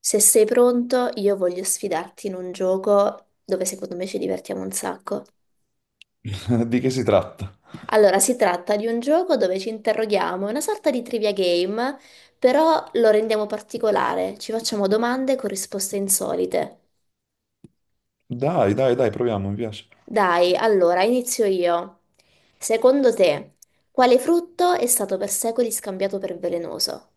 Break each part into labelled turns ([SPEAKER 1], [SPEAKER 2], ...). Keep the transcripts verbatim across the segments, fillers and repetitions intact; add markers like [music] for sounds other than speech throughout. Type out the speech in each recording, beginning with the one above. [SPEAKER 1] Se sei pronto, io voglio sfidarti in un gioco dove secondo me ci divertiamo un sacco.
[SPEAKER 2] [laughs] Di che si tratta?
[SPEAKER 1] Allora, si tratta di un gioco dove ci interroghiamo, è una sorta di trivia game, però lo rendiamo particolare, ci facciamo domande con risposte insolite.
[SPEAKER 2] Dai, dai, dai, proviamo, mi piace.
[SPEAKER 1] Dai, allora, inizio io. Secondo te, quale frutto è stato per secoli scambiato per velenoso?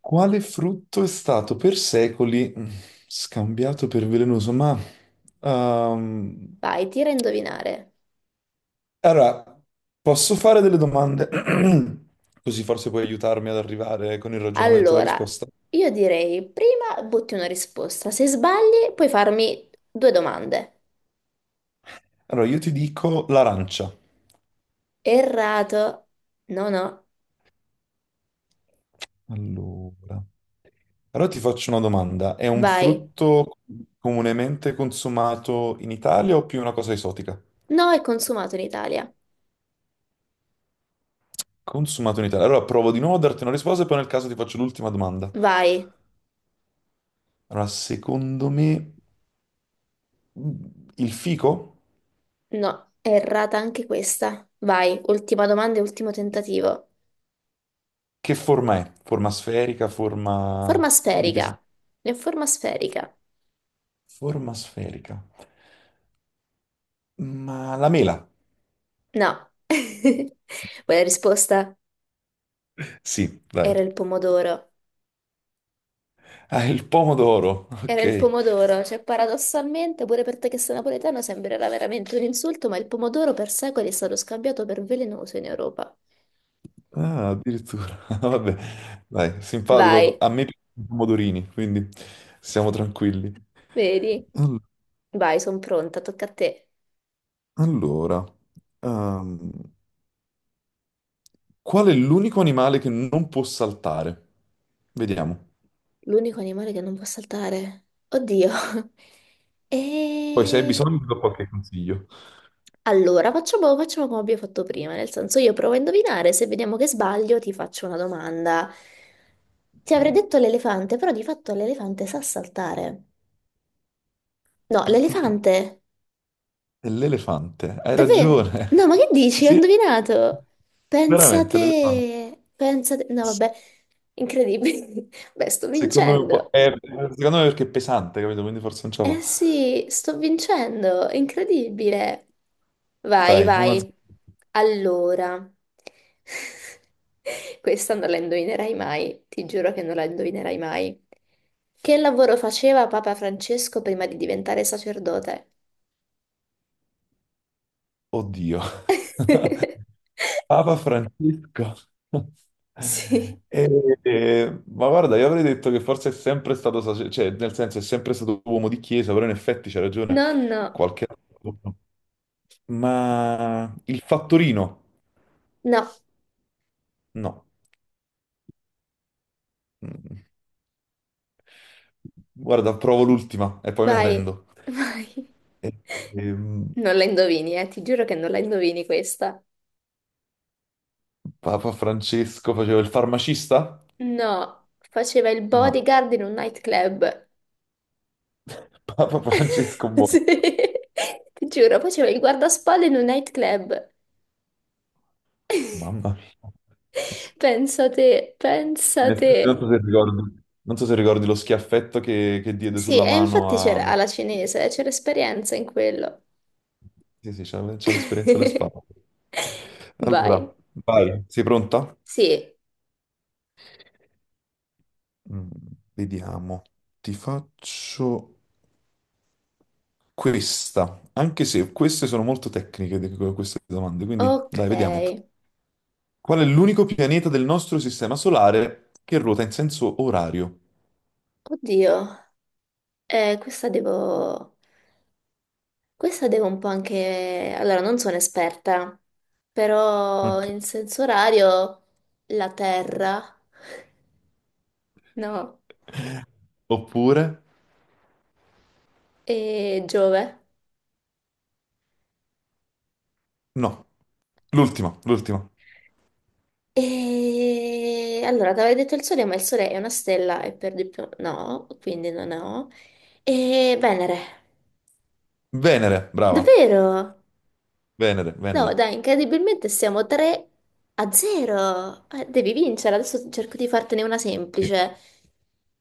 [SPEAKER 2] Quale frutto è stato per secoli mm, scambiato per velenoso? Ma ehm,
[SPEAKER 1] Vai, tira a indovinare.
[SPEAKER 2] allora, posso fare delle domande? [clears throat] Così forse puoi aiutarmi ad arrivare con il ragionamento alla
[SPEAKER 1] Allora,
[SPEAKER 2] risposta.
[SPEAKER 1] io direi prima butti una risposta. Se sbagli, puoi farmi due domande.
[SPEAKER 2] Allora, io ti dico l'arancia.
[SPEAKER 1] Errato. No, no.
[SPEAKER 2] Allora, allora ti faccio una domanda. È un
[SPEAKER 1] Vai.
[SPEAKER 2] frutto comunemente consumato in Italia o più una cosa esotica?
[SPEAKER 1] No, è consumato in Italia.
[SPEAKER 2] Consumato in Italia. Allora provo di nuovo a darti una risposta e poi nel caso ti faccio l'ultima domanda.
[SPEAKER 1] Vai.
[SPEAKER 2] Allora, secondo me il fico.
[SPEAKER 1] No, è errata anche questa. Vai. Ultima domanda e ultimo tentativo.
[SPEAKER 2] Che forma è? Forma sferica, forma
[SPEAKER 1] Forma
[SPEAKER 2] di che si...
[SPEAKER 1] sferica. È forma sferica.
[SPEAKER 2] Forma sferica. Ma la mela?
[SPEAKER 1] No. [laughs] Quella risposta
[SPEAKER 2] Sì, dai.
[SPEAKER 1] era il pomodoro.
[SPEAKER 2] Ah, il pomodoro.
[SPEAKER 1] Era il
[SPEAKER 2] Ok.
[SPEAKER 1] pomodoro, cioè paradossalmente pure per te che sei napoletano sembrerà veramente un insulto, ma il pomodoro per secoli è stato scambiato per velenoso in Europa.
[SPEAKER 2] Ah, addirittura. [laughs] Vabbè. Dai, simpatico.
[SPEAKER 1] Vai,
[SPEAKER 2] A me piacciono i pomodorini, quindi siamo tranquilli.
[SPEAKER 1] vedi?
[SPEAKER 2] All-
[SPEAKER 1] Vai, sono pronta, tocca a te.
[SPEAKER 2] Allora, ehm, qual è l'unico animale che non può saltare? Vediamo.
[SPEAKER 1] L'unico animale che non può saltare. Oddio. [laughs]
[SPEAKER 2] Poi se hai
[SPEAKER 1] E...
[SPEAKER 2] bisogno ti do qualche consiglio.
[SPEAKER 1] Allora, facciamo, facciamo come abbiamo fatto prima, nel senso io provo a indovinare, se vediamo che sbaglio ti faccio una domanda. Ti avrei
[SPEAKER 2] Ok.
[SPEAKER 1] detto l'elefante, però di fatto l'elefante sa saltare. No,
[SPEAKER 2] Ah, ah, ah.
[SPEAKER 1] l'elefante.
[SPEAKER 2] È l'elefante, hai
[SPEAKER 1] Davvero? No,
[SPEAKER 2] ragione.
[SPEAKER 1] ma che
[SPEAKER 2] [laughs]
[SPEAKER 1] dici? Ho
[SPEAKER 2] Sì,
[SPEAKER 1] indovinato. Pensa
[SPEAKER 2] veramente l'elefante.
[SPEAKER 1] te. Pensa te. No,
[SPEAKER 2] S-
[SPEAKER 1] vabbè. Incredibile. [laughs] Beh, sto
[SPEAKER 2] Secondo me, un po'-
[SPEAKER 1] vincendo.
[SPEAKER 2] è- secondo me perché è pesante, capito? Quindi forse non ce la
[SPEAKER 1] Eh
[SPEAKER 2] fa.
[SPEAKER 1] sì, sto vincendo. Incredibile. Vai,
[SPEAKER 2] Dai, una...
[SPEAKER 1] vai. Allora. [laughs] Questa non la indovinerai mai. Ti giuro che non la indovinerai mai. Che lavoro faceva Papa Francesco prima di diventare sacerdote?
[SPEAKER 2] Oddio. [laughs]
[SPEAKER 1] [laughs]
[SPEAKER 2] Papa Francesco. [laughs]
[SPEAKER 1] Sì.
[SPEAKER 2] E- e- ma guarda, io avrei detto che forse è sempre stato sace- cioè, nel senso è sempre stato uomo di chiesa, però in effetti c'è ragione
[SPEAKER 1] Nonno.
[SPEAKER 2] qualche altro. Ma il fattorino?
[SPEAKER 1] No,
[SPEAKER 2] No. Mm. Guarda, provo l'ultima e poi mi
[SPEAKER 1] vai,
[SPEAKER 2] arrendo.
[SPEAKER 1] [laughs] vai.
[SPEAKER 2] E- ehm,
[SPEAKER 1] Non la indovini, eh, ti giuro che non la indovini questa.
[SPEAKER 2] Papa Francesco faceva il farmacista?
[SPEAKER 1] No, faceva il
[SPEAKER 2] No.
[SPEAKER 1] bodyguard in un nightclub.
[SPEAKER 2] [laughs] Papa Francesco
[SPEAKER 1] [laughs]
[SPEAKER 2] buono.
[SPEAKER 1] Sì, ti giuro, faceva il guardaspalle in un nightclub.
[SPEAKER 2] Mamma mia.
[SPEAKER 1] Pensa te,
[SPEAKER 2] In
[SPEAKER 1] pensa
[SPEAKER 2] effetti
[SPEAKER 1] te.
[SPEAKER 2] non so se ricordi, non so se ricordi lo schiaffetto che, che diede
[SPEAKER 1] Sì,
[SPEAKER 2] sulla
[SPEAKER 1] e
[SPEAKER 2] mano
[SPEAKER 1] infatti c'era
[SPEAKER 2] a...
[SPEAKER 1] alla cinese, c'era esperienza in quello.
[SPEAKER 2] Sì, sì, c'ha c'ha l'esperienza alle spalle.
[SPEAKER 1] [laughs] Vai.
[SPEAKER 2] Allora, vai, sei pronta?
[SPEAKER 1] Sì,
[SPEAKER 2] Mm, Vediamo. Ti faccio questa, anche se queste sono molto tecniche, di- queste domande, quindi
[SPEAKER 1] ok.
[SPEAKER 2] dai, vediamo. Qual è l'unico pianeta del nostro sistema solare che ruota in senso orario?
[SPEAKER 1] Oddio, eh, questa devo... Questa devo un po' anche... Allora, non sono esperta, però
[SPEAKER 2] Ok.
[SPEAKER 1] in senso orario la Terra, no,
[SPEAKER 2] Oppure...
[SPEAKER 1] e Giove.
[SPEAKER 2] No, l'ultima, l'ultima.
[SPEAKER 1] E allora, ti avevo detto il Sole, ma il Sole è una stella e per di più no, quindi non ho. E Venere.
[SPEAKER 2] Venere, brava.
[SPEAKER 1] Davvero?
[SPEAKER 2] Venere, Venere.
[SPEAKER 1] No, dai, incredibilmente siamo tre a zero. Eh, devi vincere, adesso cerco di fartene una
[SPEAKER 2] Sì.
[SPEAKER 1] semplice.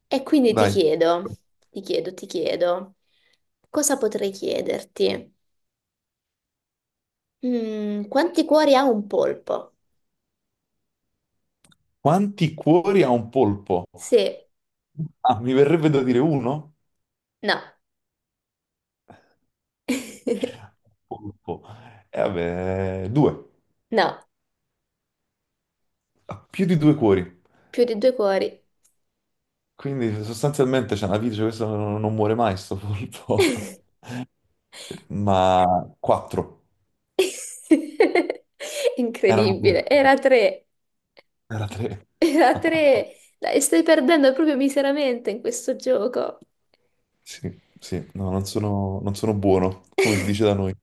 [SPEAKER 1] E quindi ti
[SPEAKER 2] Dai.
[SPEAKER 1] chiedo, ti chiedo, ti chiedo, cosa potrei chiederti? Mm, quanti cuori ha un polpo?
[SPEAKER 2] Quanti cuori ha un polpo?
[SPEAKER 1] Sì,
[SPEAKER 2] Ah, mi verrebbe da dire uno?
[SPEAKER 1] no, [laughs]
[SPEAKER 2] Polpo. E vabbè, due.
[SPEAKER 1] no,
[SPEAKER 2] Ha più di due cuori.
[SPEAKER 1] più di due cuori.
[SPEAKER 2] Quindi sostanzialmente c'è una vita, cioè, questo non, non muore mai, sto polpo. [laughs] Ma quattro.
[SPEAKER 1] [laughs]
[SPEAKER 2] Erano tre.
[SPEAKER 1] Incredibile, era tre,
[SPEAKER 2] Era tre.
[SPEAKER 1] era
[SPEAKER 2] [laughs]
[SPEAKER 1] tre. Dai, stai perdendo proprio miseramente in questo gioco.
[SPEAKER 2] Sì, sì, no, non sono, non sono buono, come si dice da noi.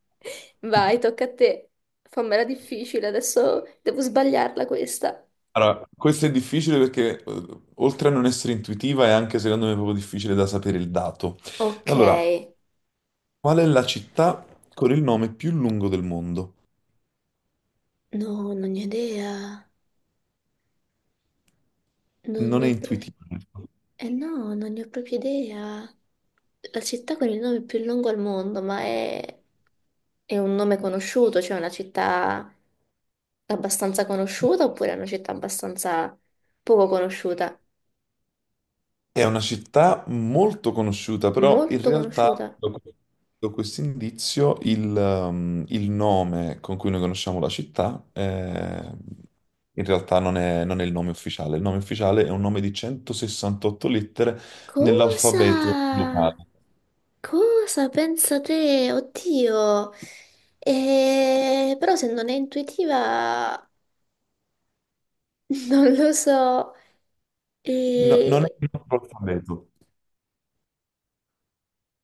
[SPEAKER 1] Vai,
[SPEAKER 2] [laughs]
[SPEAKER 1] tocca a te. Fammela difficile, adesso devo sbagliarla questa.
[SPEAKER 2] Allora, questo è difficile perché eh, oltre a non essere intuitiva è anche secondo me proprio difficile da sapere il dato.
[SPEAKER 1] Ok.
[SPEAKER 2] Allora, qual è la città con il nome più lungo del mondo?
[SPEAKER 1] No, non ne ho idea. Non
[SPEAKER 2] Non
[SPEAKER 1] ne
[SPEAKER 2] è
[SPEAKER 1] ho pro-
[SPEAKER 2] intuitivo.
[SPEAKER 1] Eh no, non ne ho proprio idea. La città con il nome più lungo al mondo, ma è, è un nome conosciuto, cioè una città abbastanza conosciuta oppure è una città abbastanza poco conosciuta?
[SPEAKER 2] È una città molto conosciuta, però in
[SPEAKER 1] Molto
[SPEAKER 2] realtà
[SPEAKER 1] conosciuta.
[SPEAKER 2] da questo indizio il, ehm, il nome con cui noi conosciamo la città eh, in realtà non è, non è il nome ufficiale. Il nome ufficiale è un nome di centosessantotto lettere nell'alfabeto
[SPEAKER 1] Cosa?
[SPEAKER 2] locale.
[SPEAKER 1] Cosa pensa te? Oddio. Eh, però se non è intuitiva, [laughs] non lo so.
[SPEAKER 2] No- non è
[SPEAKER 1] E...
[SPEAKER 2] il nostro alfabeto.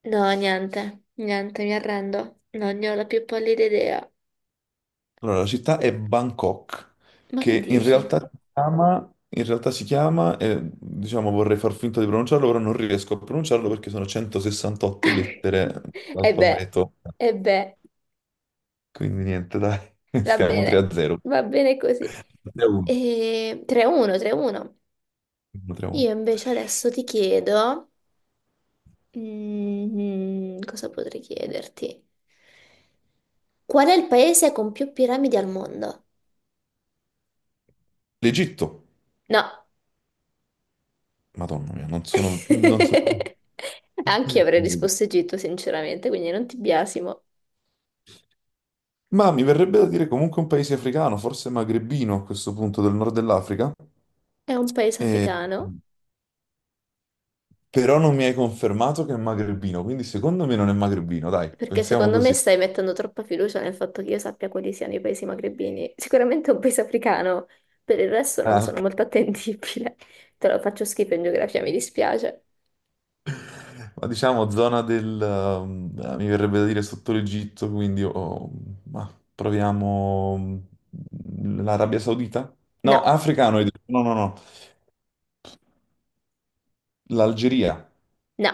[SPEAKER 1] No, niente, niente, mi arrendo. Non ne ho la più pallida idea.
[SPEAKER 2] Allora, la città è Bangkok,
[SPEAKER 1] Ma che
[SPEAKER 2] che in
[SPEAKER 1] dici?
[SPEAKER 2] realtà si chiama, in realtà si chiama eh, diciamo vorrei far finta di pronunciarlo, però non riesco a pronunciarlo perché sono centosessantotto lettere
[SPEAKER 1] [laughs] E beh,
[SPEAKER 2] l'alfabeto.
[SPEAKER 1] e beh,
[SPEAKER 2] Quindi niente, dai, [laughs]
[SPEAKER 1] va
[SPEAKER 2] stiamo 3
[SPEAKER 1] bene,
[SPEAKER 2] a 0.
[SPEAKER 1] va bene così.
[SPEAKER 2] tre a uno.
[SPEAKER 1] E... tre a uno, tre a uno.
[SPEAKER 2] tre a uno.
[SPEAKER 1] Io invece adesso ti chiedo... Mm, cosa potrei chiederti? Qual è il paese con più piramidi al mondo?
[SPEAKER 2] L'Egitto,
[SPEAKER 1] No.
[SPEAKER 2] Madonna mia, non sono... Non sono...
[SPEAKER 1] [laughs] Anche io avrei risposto Egitto, sinceramente, quindi non ti biasimo.
[SPEAKER 2] Ma mi verrebbe da dire comunque un paese africano, forse magrebino a questo punto del nord dell'Africa.
[SPEAKER 1] È un paese
[SPEAKER 2] E-
[SPEAKER 1] africano,
[SPEAKER 2] Però non mi hai confermato che è magrebino, quindi secondo me non è magrebino, dai,
[SPEAKER 1] perché
[SPEAKER 2] pensiamo
[SPEAKER 1] secondo me
[SPEAKER 2] così.
[SPEAKER 1] stai
[SPEAKER 2] [laughs]
[SPEAKER 1] mettendo troppa fiducia nel fatto che io sappia quali siano i paesi magrebini. Sicuramente è un paese africano, per il resto non
[SPEAKER 2] Ah,
[SPEAKER 1] sono
[SPEAKER 2] ok.
[SPEAKER 1] molto attendibile. Te lo faccio schifo in geografia, mi dispiace.
[SPEAKER 2] Ma diciamo zona del... um, eh, mi verrebbe da dire sotto l'Egitto, quindi oh, ma proviamo mm, l'Arabia Saudita? No,
[SPEAKER 1] No,
[SPEAKER 2] africano, hai detto. No, no, no, l'Algeria,
[SPEAKER 1] no.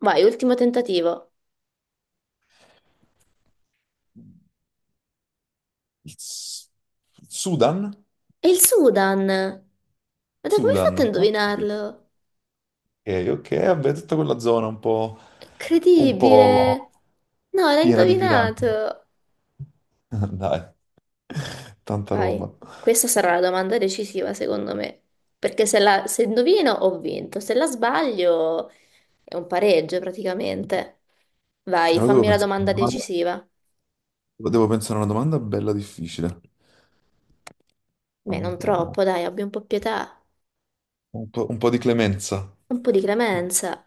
[SPEAKER 1] Vai, ultimo tentativo.
[SPEAKER 2] il S- Sudan?
[SPEAKER 1] È il Sudan! Guarda, come hai fatto a
[SPEAKER 2] Sudan, ok.
[SPEAKER 1] indovinarlo?
[SPEAKER 2] Ok, ok, vabbè, tutta quella zona un po',
[SPEAKER 1] È
[SPEAKER 2] un
[SPEAKER 1] incredibile!
[SPEAKER 2] po'
[SPEAKER 1] No, l'hai
[SPEAKER 2] piena di pirati.
[SPEAKER 1] indovinato!
[SPEAKER 2] [laughs] Dai, tanta roba.
[SPEAKER 1] Vai, questa sarà la domanda decisiva secondo me, perché se la, se indovino ho vinto, se la sbaglio è un pareggio praticamente. Vai,
[SPEAKER 2] Allora devo
[SPEAKER 1] fammi la
[SPEAKER 2] pensare, a una
[SPEAKER 1] domanda
[SPEAKER 2] domanda-
[SPEAKER 1] decisiva.
[SPEAKER 2] devo pensare a una domanda bella difficile.
[SPEAKER 1] Beh, non
[SPEAKER 2] Vediamo.
[SPEAKER 1] troppo, dai, abbi un po' pietà,
[SPEAKER 2] Un po', un po' di clemenza.
[SPEAKER 1] un po' di clemenza.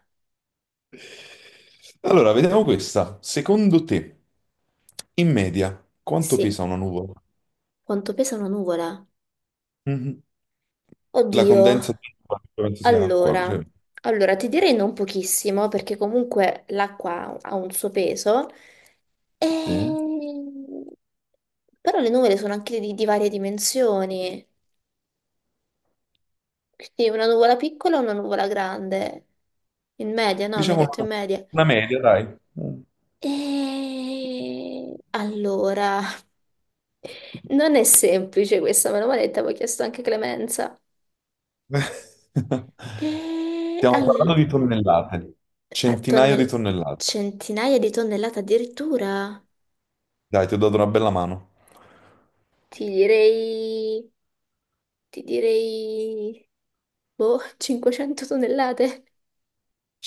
[SPEAKER 2] Allora, vediamo questa. Secondo te, in media, quanto
[SPEAKER 1] Sì,
[SPEAKER 2] pesa una nuvola?
[SPEAKER 1] quanto pesa una nuvola?
[SPEAKER 2] Mhm. La
[SPEAKER 1] Oddio.
[SPEAKER 2] condensa di penso sia acqua, cioè,
[SPEAKER 1] Allora, allora, ti direi non pochissimo perché comunque l'acqua ha un suo peso,
[SPEAKER 2] sì.
[SPEAKER 1] e- però le nuvole sono anche di, di varie dimensioni, quindi una nuvola piccola e una nuvola grande, in media, no? Mi hai
[SPEAKER 2] Diciamo
[SPEAKER 1] detto in
[SPEAKER 2] una,
[SPEAKER 1] media.
[SPEAKER 2] una media, dai. Mm.
[SPEAKER 1] E allora, [laughs] non è semplice questa, me l'ho detta, avevo chiesto anche clemenza.
[SPEAKER 2] [laughs]
[SPEAKER 1] E
[SPEAKER 2] Stiamo
[SPEAKER 1] al...
[SPEAKER 2] parlando di tonnellate,
[SPEAKER 1] pa-
[SPEAKER 2] centinaia di
[SPEAKER 1] tonnell-
[SPEAKER 2] tonnellate.
[SPEAKER 1] Centinaia di tonnellate addirittura?
[SPEAKER 2] Dai, ti ho dato una bella mano.
[SPEAKER 1] Ti direi, ti direi, boh, cinquecento tonnellate.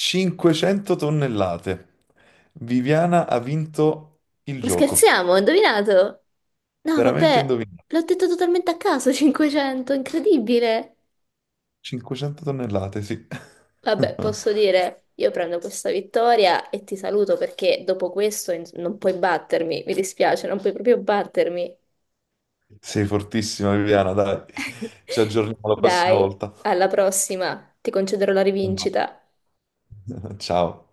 [SPEAKER 2] cinquecento tonnellate. Viviana ha vinto il
[SPEAKER 1] Ma
[SPEAKER 2] gioco.
[SPEAKER 1] scherziamo, ho indovinato? No,
[SPEAKER 2] Veramente hai
[SPEAKER 1] vabbè,
[SPEAKER 2] indovinato.
[SPEAKER 1] l'ho detto totalmente a caso, cinquecento, incredibile.
[SPEAKER 2] cinquecento tonnellate, sì. [laughs]
[SPEAKER 1] Vabbè, posso dire, io prendo questa vittoria e ti saluto perché dopo questo ins- non puoi battermi, mi dispiace, non puoi proprio battermi.
[SPEAKER 2] Sei fortissima, Viviana, dai. Ci
[SPEAKER 1] [laughs]
[SPEAKER 2] aggiorniamo la prossima
[SPEAKER 1] Dai,
[SPEAKER 2] volta.
[SPEAKER 1] alla prossima, ti concederò la
[SPEAKER 2] Un bacio.
[SPEAKER 1] rivincita.
[SPEAKER 2] [laughs] Ciao.